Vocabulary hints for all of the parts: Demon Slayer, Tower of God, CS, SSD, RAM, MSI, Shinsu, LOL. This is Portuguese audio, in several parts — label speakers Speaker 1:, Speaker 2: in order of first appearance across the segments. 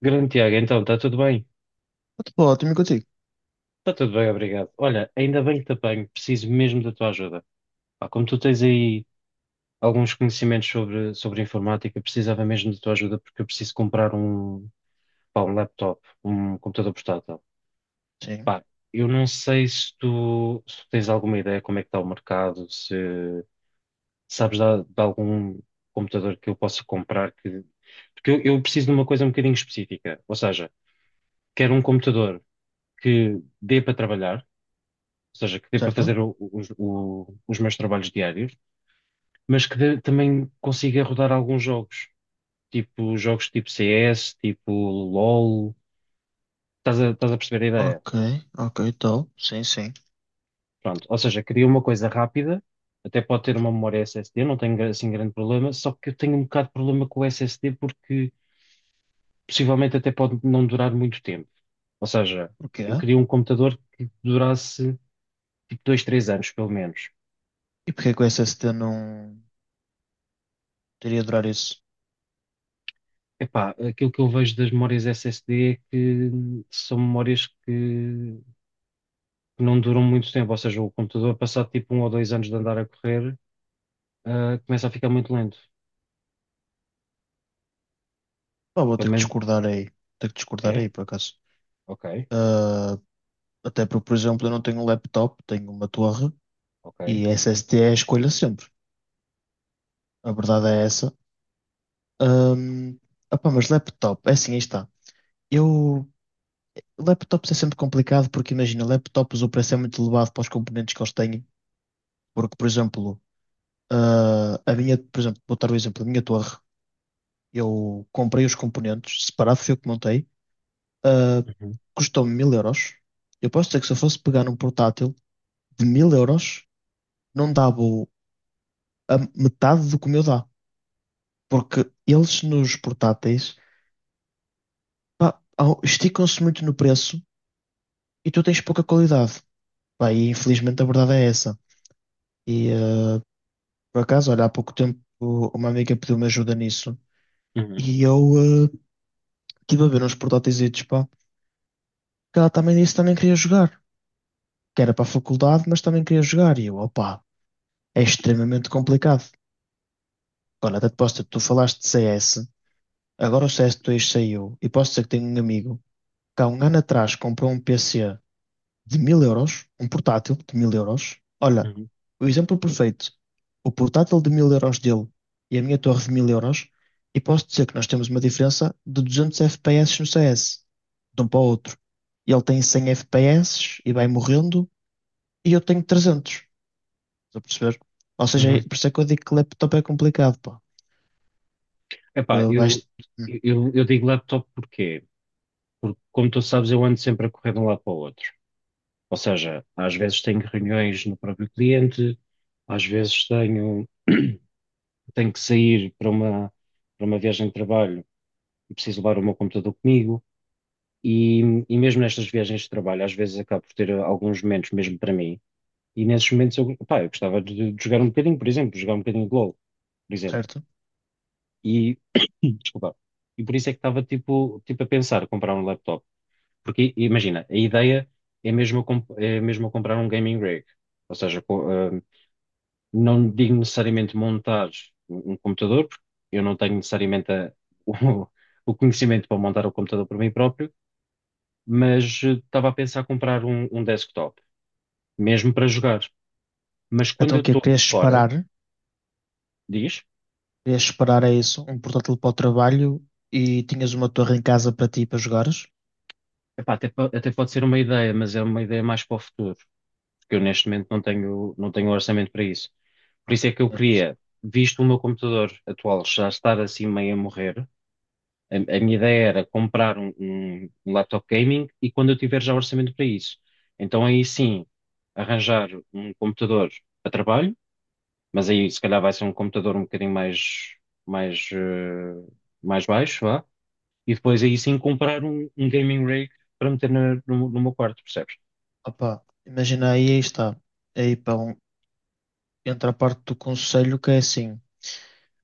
Speaker 1: Grande Tiago, então, está tudo bem?
Speaker 2: Tudo ótimo e contigo?
Speaker 1: Está tudo bem, obrigado. Olha, ainda bem que te apanho, preciso mesmo da tua ajuda. Pá, como tu tens aí alguns conhecimentos sobre informática, precisava mesmo da tua ajuda porque eu preciso comprar um, pá, um laptop, um computador portátil.
Speaker 2: Sim.
Speaker 1: Pá, eu não sei se tu tens alguma ideia como é que está o mercado, se sabes de algum computador que eu possa comprar que... Porque eu preciso de uma coisa um bocadinho específica, ou seja, quero um computador que dê para trabalhar, ou seja, que dê para
Speaker 2: Certo?
Speaker 1: fazer os meus trabalhos diários, mas também consiga rodar alguns jogos tipo CS, tipo LOL, estás a perceber a ideia?
Speaker 2: Ok, ok, então. Sim, sim.
Speaker 1: Pronto, ou seja, queria uma coisa rápida, até pode ter uma memória SSD, não tenho assim grande problema, só que eu tenho um bocado de problema com o SSD porque possivelmente até pode não durar muito tempo. Ou seja,
Speaker 2: O que
Speaker 1: eu
Speaker 2: é?
Speaker 1: queria um computador que durasse tipo 2 ou 3 anos, pelo menos.
Speaker 2: E porquê que o SSD não teria de durar isso?
Speaker 1: Epá, aquilo que eu vejo das memórias SSD é que são memórias que não duram muito tempo, ou seja, o computador, passado tipo um ou 2 anos de andar a correr, começa a ficar muito lento.
Speaker 2: Pá, vou
Speaker 1: Pelo
Speaker 2: ter que
Speaker 1: menos
Speaker 2: discordar aí. Ter que discordar
Speaker 1: é?
Speaker 2: aí, por acaso.
Speaker 1: Ok,
Speaker 2: Ah, até porque, por exemplo, eu não tenho um laptop, tenho uma torre
Speaker 1: ok.
Speaker 2: e SSD é a escolha sempre. A verdade é essa. Ahm, Opá, mas laptop, é assim, aí está. Eu. Laptops é sempre complicado porque, imagina, laptops o preço é muito elevado para os componentes que eles têm. Porque, por exemplo, a minha, por exemplo, vou dar o exemplo da minha torre. Eu comprei os componentes, separado fui eu que montei. Ah,
Speaker 1: Uhum,
Speaker 2: Custou-me 1000 euros. Eu posso dizer que se eu fosse pegar um portátil de 1000 euros, não dava a metade do que o meu dá. Porque eles nos portáteis, pá, esticam-se muito no preço e tu tens pouca qualidade. Pá, e infelizmente a verdade é essa. E por acaso, olha, há pouco tempo uma amiga pediu-me ajuda nisso.
Speaker 1: uhum,
Speaker 2: E eu, estive a ver uns portáteis, que ela também disse que também queria jogar, que era para a faculdade, mas também queria jogar. E eu, opá, é extremamente complicado. Agora, até te posso dizer, tu falaste de CS, agora o CS2 saiu, e posso dizer que tenho um amigo que há um ano atrás comprou um PC de 1000 euros, um portátil de mil euros. Olha,
Speaker 1: uhum,
Speaker 2: o exemplo perfeito, o portátil de 1000 euros dele e a minha torre de 1000 euros, e posso dizer que nós temos uma diferença de 200 FPS no CS, de um para o outro. E ele tem 100 FPS e vai morrendo e eu tenho 300. Estás a perceber? Ou seja,
Speaker 1: uhum.
Speaker 2: por isso é que eu digo que laptop é complicado, pá. Que
Speaker 1: Epá,
Speaker 2: vais...
Speaker 1: eu,
Speaker 2: Hum.
Speaker 1: eu, eu digo laptop porque, como tu sabes, eu ando sempre a correr de um lado para o outro. Ou seja, às vezes tenho reuniões no próprio cliente, às vezes tenho, tenho que sair para para uma viagem de trabalho eu preciso levar o meu computador comigo e, e mesmo nestas viagens de trabalho, às vezes acabo por ter alguns momentos mesmo para mim e nesses momentos eu, pá, eu gostava de jogar um bocadinho, por exemplo, jogar um bocadinho de LOL, por exemplo.
Speaker 2: Certo?
Speaker 1: E, desculpa, e por isso é que estava tipo a pensar comprar um laptop. Porque imagina, a ideia é mesmo é mesmo eu comprar um gaming rig. Ou seja, não digo necessariamente montar um computador, porque eu não tenho necessariamente o, o conhecimento para montar o computador por mim próprio mas estava a pensar comprar um, um desktop, mesmo para jogar. Mas quando
Speaker 2: Então
Speaker 1: eu
Speaker 2: o quê?
Speaker 1: estou
Speaker 2: Querias
Speaker 1: fora,
Speaker 2: separar?
Speaker 1: diz,
Speaker 2: Querias separar, é isso? Um portátil para o trabalho e tinhas uma torre em casa para ti, para jogares?
Speaker 1: epá, até pode ser uma ideia, mas é uma ideia mais para o futuro, porque eu neste momento não tenho, não tenho orçamento para isso. Por isso é que eu
Speaker 2: Certo.
Speaker 1: queria, visto o meu computador atual já estar assim meio a morrer, a minha ideia era comprar um, um laptop gaming e quando eu tiver já orçamento para isso. Então aí sim, arranjar um computador para trabalho. Mas aí se calhar vai ser um computador um bocadinho mais, mais, eh, mais baixo, vá. E depois aí sim comprar um, um gaming rig para meter no, no meu quarto, percebes?
Speaker 2: Opa, imagina aí, aí está. Aí, pá, entra a parte do conselho que é assim.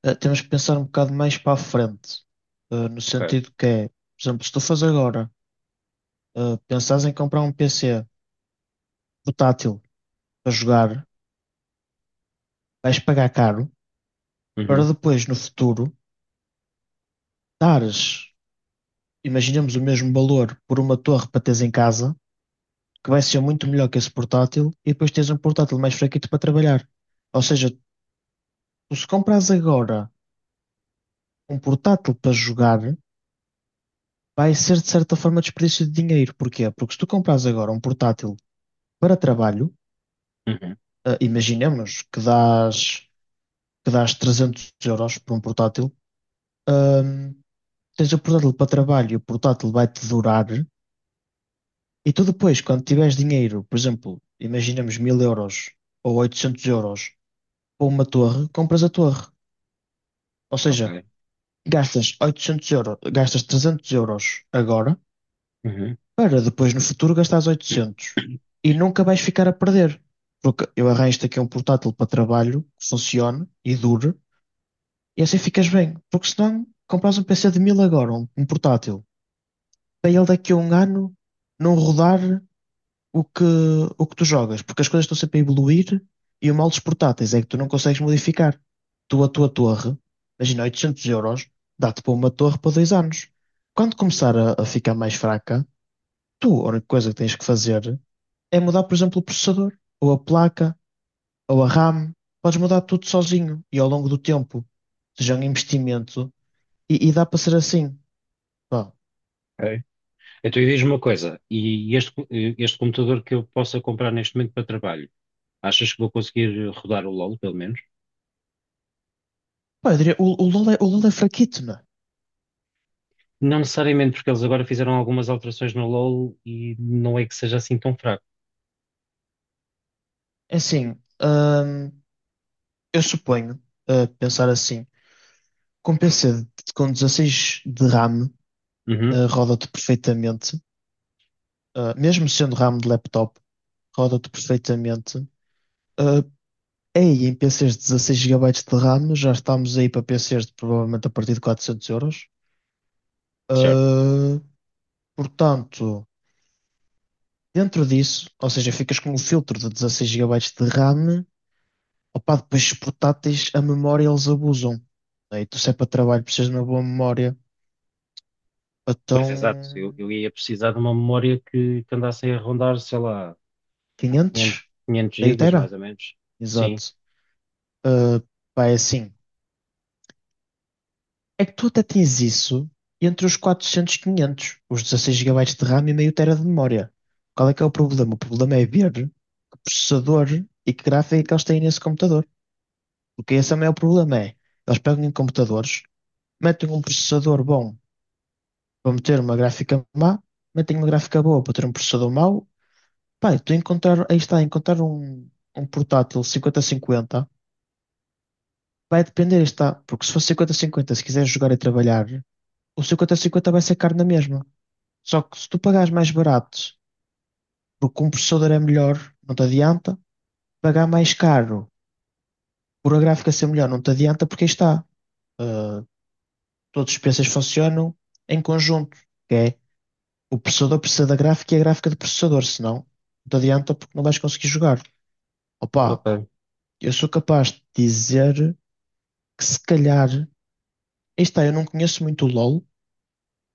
Speaker 2: Eh, temos que pensar um bocado mais para a frente. Eh, no
Speaker 1: Ok.
Speaker 2: sentido que é, por exemplo, se tu fazes agora, eh, pensares em comprar um PC portátil para jogar, vais pagar caro. Para
Speaker 1: Uhum,
Speaker 2: depois, no futuro, dares, imaginemos o mesmo valor por uma torre para teres em casa, que vai ser muito melhor que esse portátil, e depois tens um portátil mais fraquito para trabalhar. Ou seja, tu se compras agora um portátil para jogar, vai ser de certa forma desperdício de dinheiro. Porquê? Porque se tu compras agora um portátil para trabalho,
Speaker 1: uhum,
Speaker 2: imaginemos que que dás 300 euros por um portátil, ah, tens o portátil para trabalho e o portátil vai-te durar. E tu depois, quando tiveres dinheiro, por exemplo, imaginamos 1000 euros ou 800 euros para uma torre, compras a torre. Ou
Speaker 1: ok.
Speaker 2: seja, gastas 800 euros, gastas 300 euros agora
Speaker 1: Uhum,
Speaker 2: para depois no futuro gastares 800. E nunca vais ficar a perder. Porque eu arranjo-te aqui um portátil para trabalho que funcione e dure e assim ficas bem. Porque senão compras um PC de mil agora, um portátil, para ele daqui a 1 ano não rodar o que, o que tu jogas, porque as coisas estão sempre a evoluir e o mal dos portáteis é que tu não consegues modificar. Tu, a tua torre, imagina 800 euros, dá-te para uma torre para 2 anos. Quando começar a ficar mais fraca, tu, a única coisa que tens que fazer é mudar, por exemplo, o processador, ou a placa, ou a RAM. Podes mudar tudo sozinho e ao longo do tempo. Seja um investimento e dá para ser assim. Pá,
Speaker 1: ok. Então e diz-me uma coisa, e este, este computador que eu possa comprar neste momento para trabalho, achas que vou conseguir rodar o LoL, pelo menos?
Speaker 2: Pá, eu diria, o LoL é fraquito, não é?
Speaker 1: Não necessariamente, porque eles agora fizeram algumas alterações no LoL e não é que seja assim tão fraco.
Speaker 2: É assim, hum. Eu suponho, a pensar assim, com com 16 de RAM,
Speaker 1: Uhum,
Speaker 2: eh, roda-te perfeitamente. Eh, mesmo sendo RAM de laptop, roda-te perfeitamente. Eh, aí em PCs de 16 gigabytes de RAM, já estamos aí para PCs de provavelmente a partir de 400 euros.
Speaker 1: certo.
Speaker 2: Eh, portanto, dentro disso, ou seja, ficas com o filtro de 16 gigabytes de RAM. Opa, depois os portáteis, a memória eles abusam. Né? E tu, se é para trabalho, precisas de uma boa memória. Então.
Speaker 1: Pois, exato. Eu ia precisar de uma memória que andasse aí a rondar, sei lá, 500,
Speaker 2: 500?
Speaker 1: 500
Speaker 2: Meio
Speaker 1: gigas, mais
Speaker 2: tera?
Speaker 1: ou menos. Sim,
Speaker 2: Exato. Uh, pá, é assim. É que tu até tens isso entre os 400 e 500, os 16 gigabytes de RAM e meio tera de memória. Qual é que é o problema? O problema é ver que processador e que gráfica é que eles têm nesse computador. Porque esse é o maior problema, é. Eles pegam em computadores, metem um processador bom para meter uma gráfica má, metem uma gráfica boa para ter um processador mau. Pá, tu encontrar, aí está, encontrar um portátil 50-50. Vai depender, está. Porque se for 50-50, se quiseres jogar e trabalhar, o 50-50 vai ser caro na mesma. Só que se tu pagares mais barato, porque um processador é melhor, não te adianta. Pagar mais caro por a gráfica ser melhor, não te adianta, porque aí está. Uh, todos os PCs funcionam em conjunto, que é o processador precisa da gráfica e a gráfica do processador, senão não te adianta porque não vais conseguir jogar. Opa,
Speaker 1: ok,
Speaker 2: eu sou capaz de dizer que se calhar, aí está, eu não conheço muito o LoL.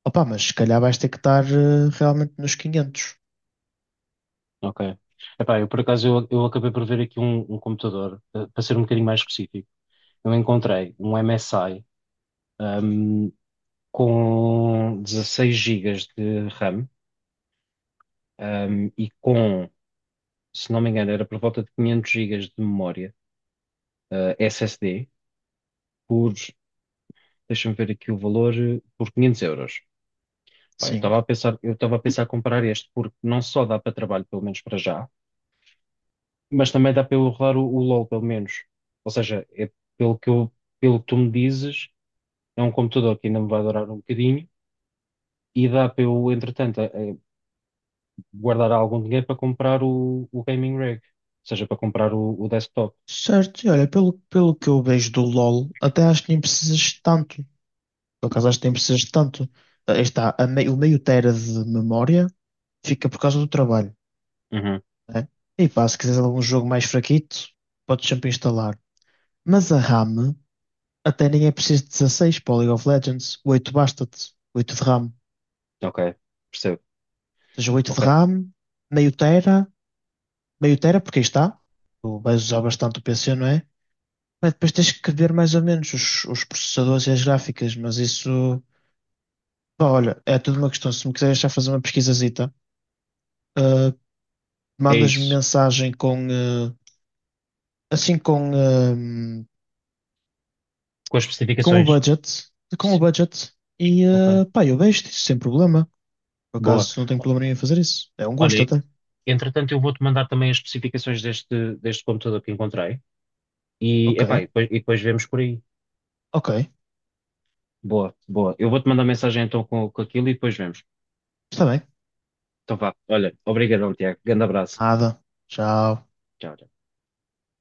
Speaker 2: Opa, mas se calhar vais ter que estar eh, realmente nos 500.
Speaker 1: ok. Epá, eu por acaso, eu acabei por ver aqui um, um computador, eh, para ser um bocadinho mais específico. Eu encontrei um MSI, ahm, com 16 GB de RAM, e se não me engano, era por volta de 500 GB de memória, SSD, por, deixa-me ver aqui o valor, por 500 euros. Pá,
Speaker 2: Sim.
Speaker 1: eu estava a pensar em comprar este, porque não só dá para trabalho, pelo menos para já, mas também dá para eu rodar o LOL, pelo menos. Ou seja, é pelo que eu, pelo que tu me dizes, é um computador que ainda me vai durar um bocadinho e dá para eu, entretanto, a guardar algum dinheiro para comprar o gaming rig, ou seja, para comprar o desktop.
Speaker 2: Certo, e olha, pelo, pelo que eu vejo do LoL, até acho que nem precisas de tanto. Por acaso acho que nem precisas de tanto. Aí está, a o meio tera de memória fica por causa do trabalho,
Speaker 1: Uhum.
Speaker 2: né? E pá, se quiseres algum jogo mais fraquito, podes sempre instalar. Mas a RAM até nem é preciso de 16, para o League of Legends. Oito basta-te. Oito de RAM. Ou
Speaker 1: Ok, percebo.
Speaker 2: seja, 8 de
Speaker 1: Ok,
Speaker 2: RAM, meio tera, meio tera, porque aí está. Tu vais usar bastante o PC, não é? Mas depois tens que ver mais ou menos os processadores e as gráficas, mas isso, pá, olha, é tudo uma questão. Se me quiseres já fazer uma pesquisazita, ah,
Speaker 1: é
Speaker 2: mandas-me
Speaker 1: isso.
Speaker 2: mensagem com, assim, com, ah,
Speaker 1: Com as
Speaker 2: com o
Speaker 1: especificações.
Speaker 2: budget, com o
Speaker 1: Sim.
Speaker 2: budget,
Speaker 1: Ok,
Speaker 2: pá, eu vejo isso sem problema. Por
Speaker 1: boa.
Speaker 2: acaso, não tenho problema nenhum em fazer isso. É um gosto
Speaker 1: Olha,
Speaker 2: até.
Speaker 1: entretanto, eu vou-te mandar também as especificações deste, deste computador que encontrei. E,
Speaker 2: Ok,
Speaker 1: epá, e depois vemos por aí.
Speaker 2: ok,
Speaker 1: Boa, boa. Eu vou-te mandar mensagem então com aquilo e depois vemos.
Speaker 2: está bem.
Speaker 1: Então vá. Olha, obrigado Tiago. Grande abraço.
Speaker 2: Nada. Tchau.
Speaker 1: Tchau.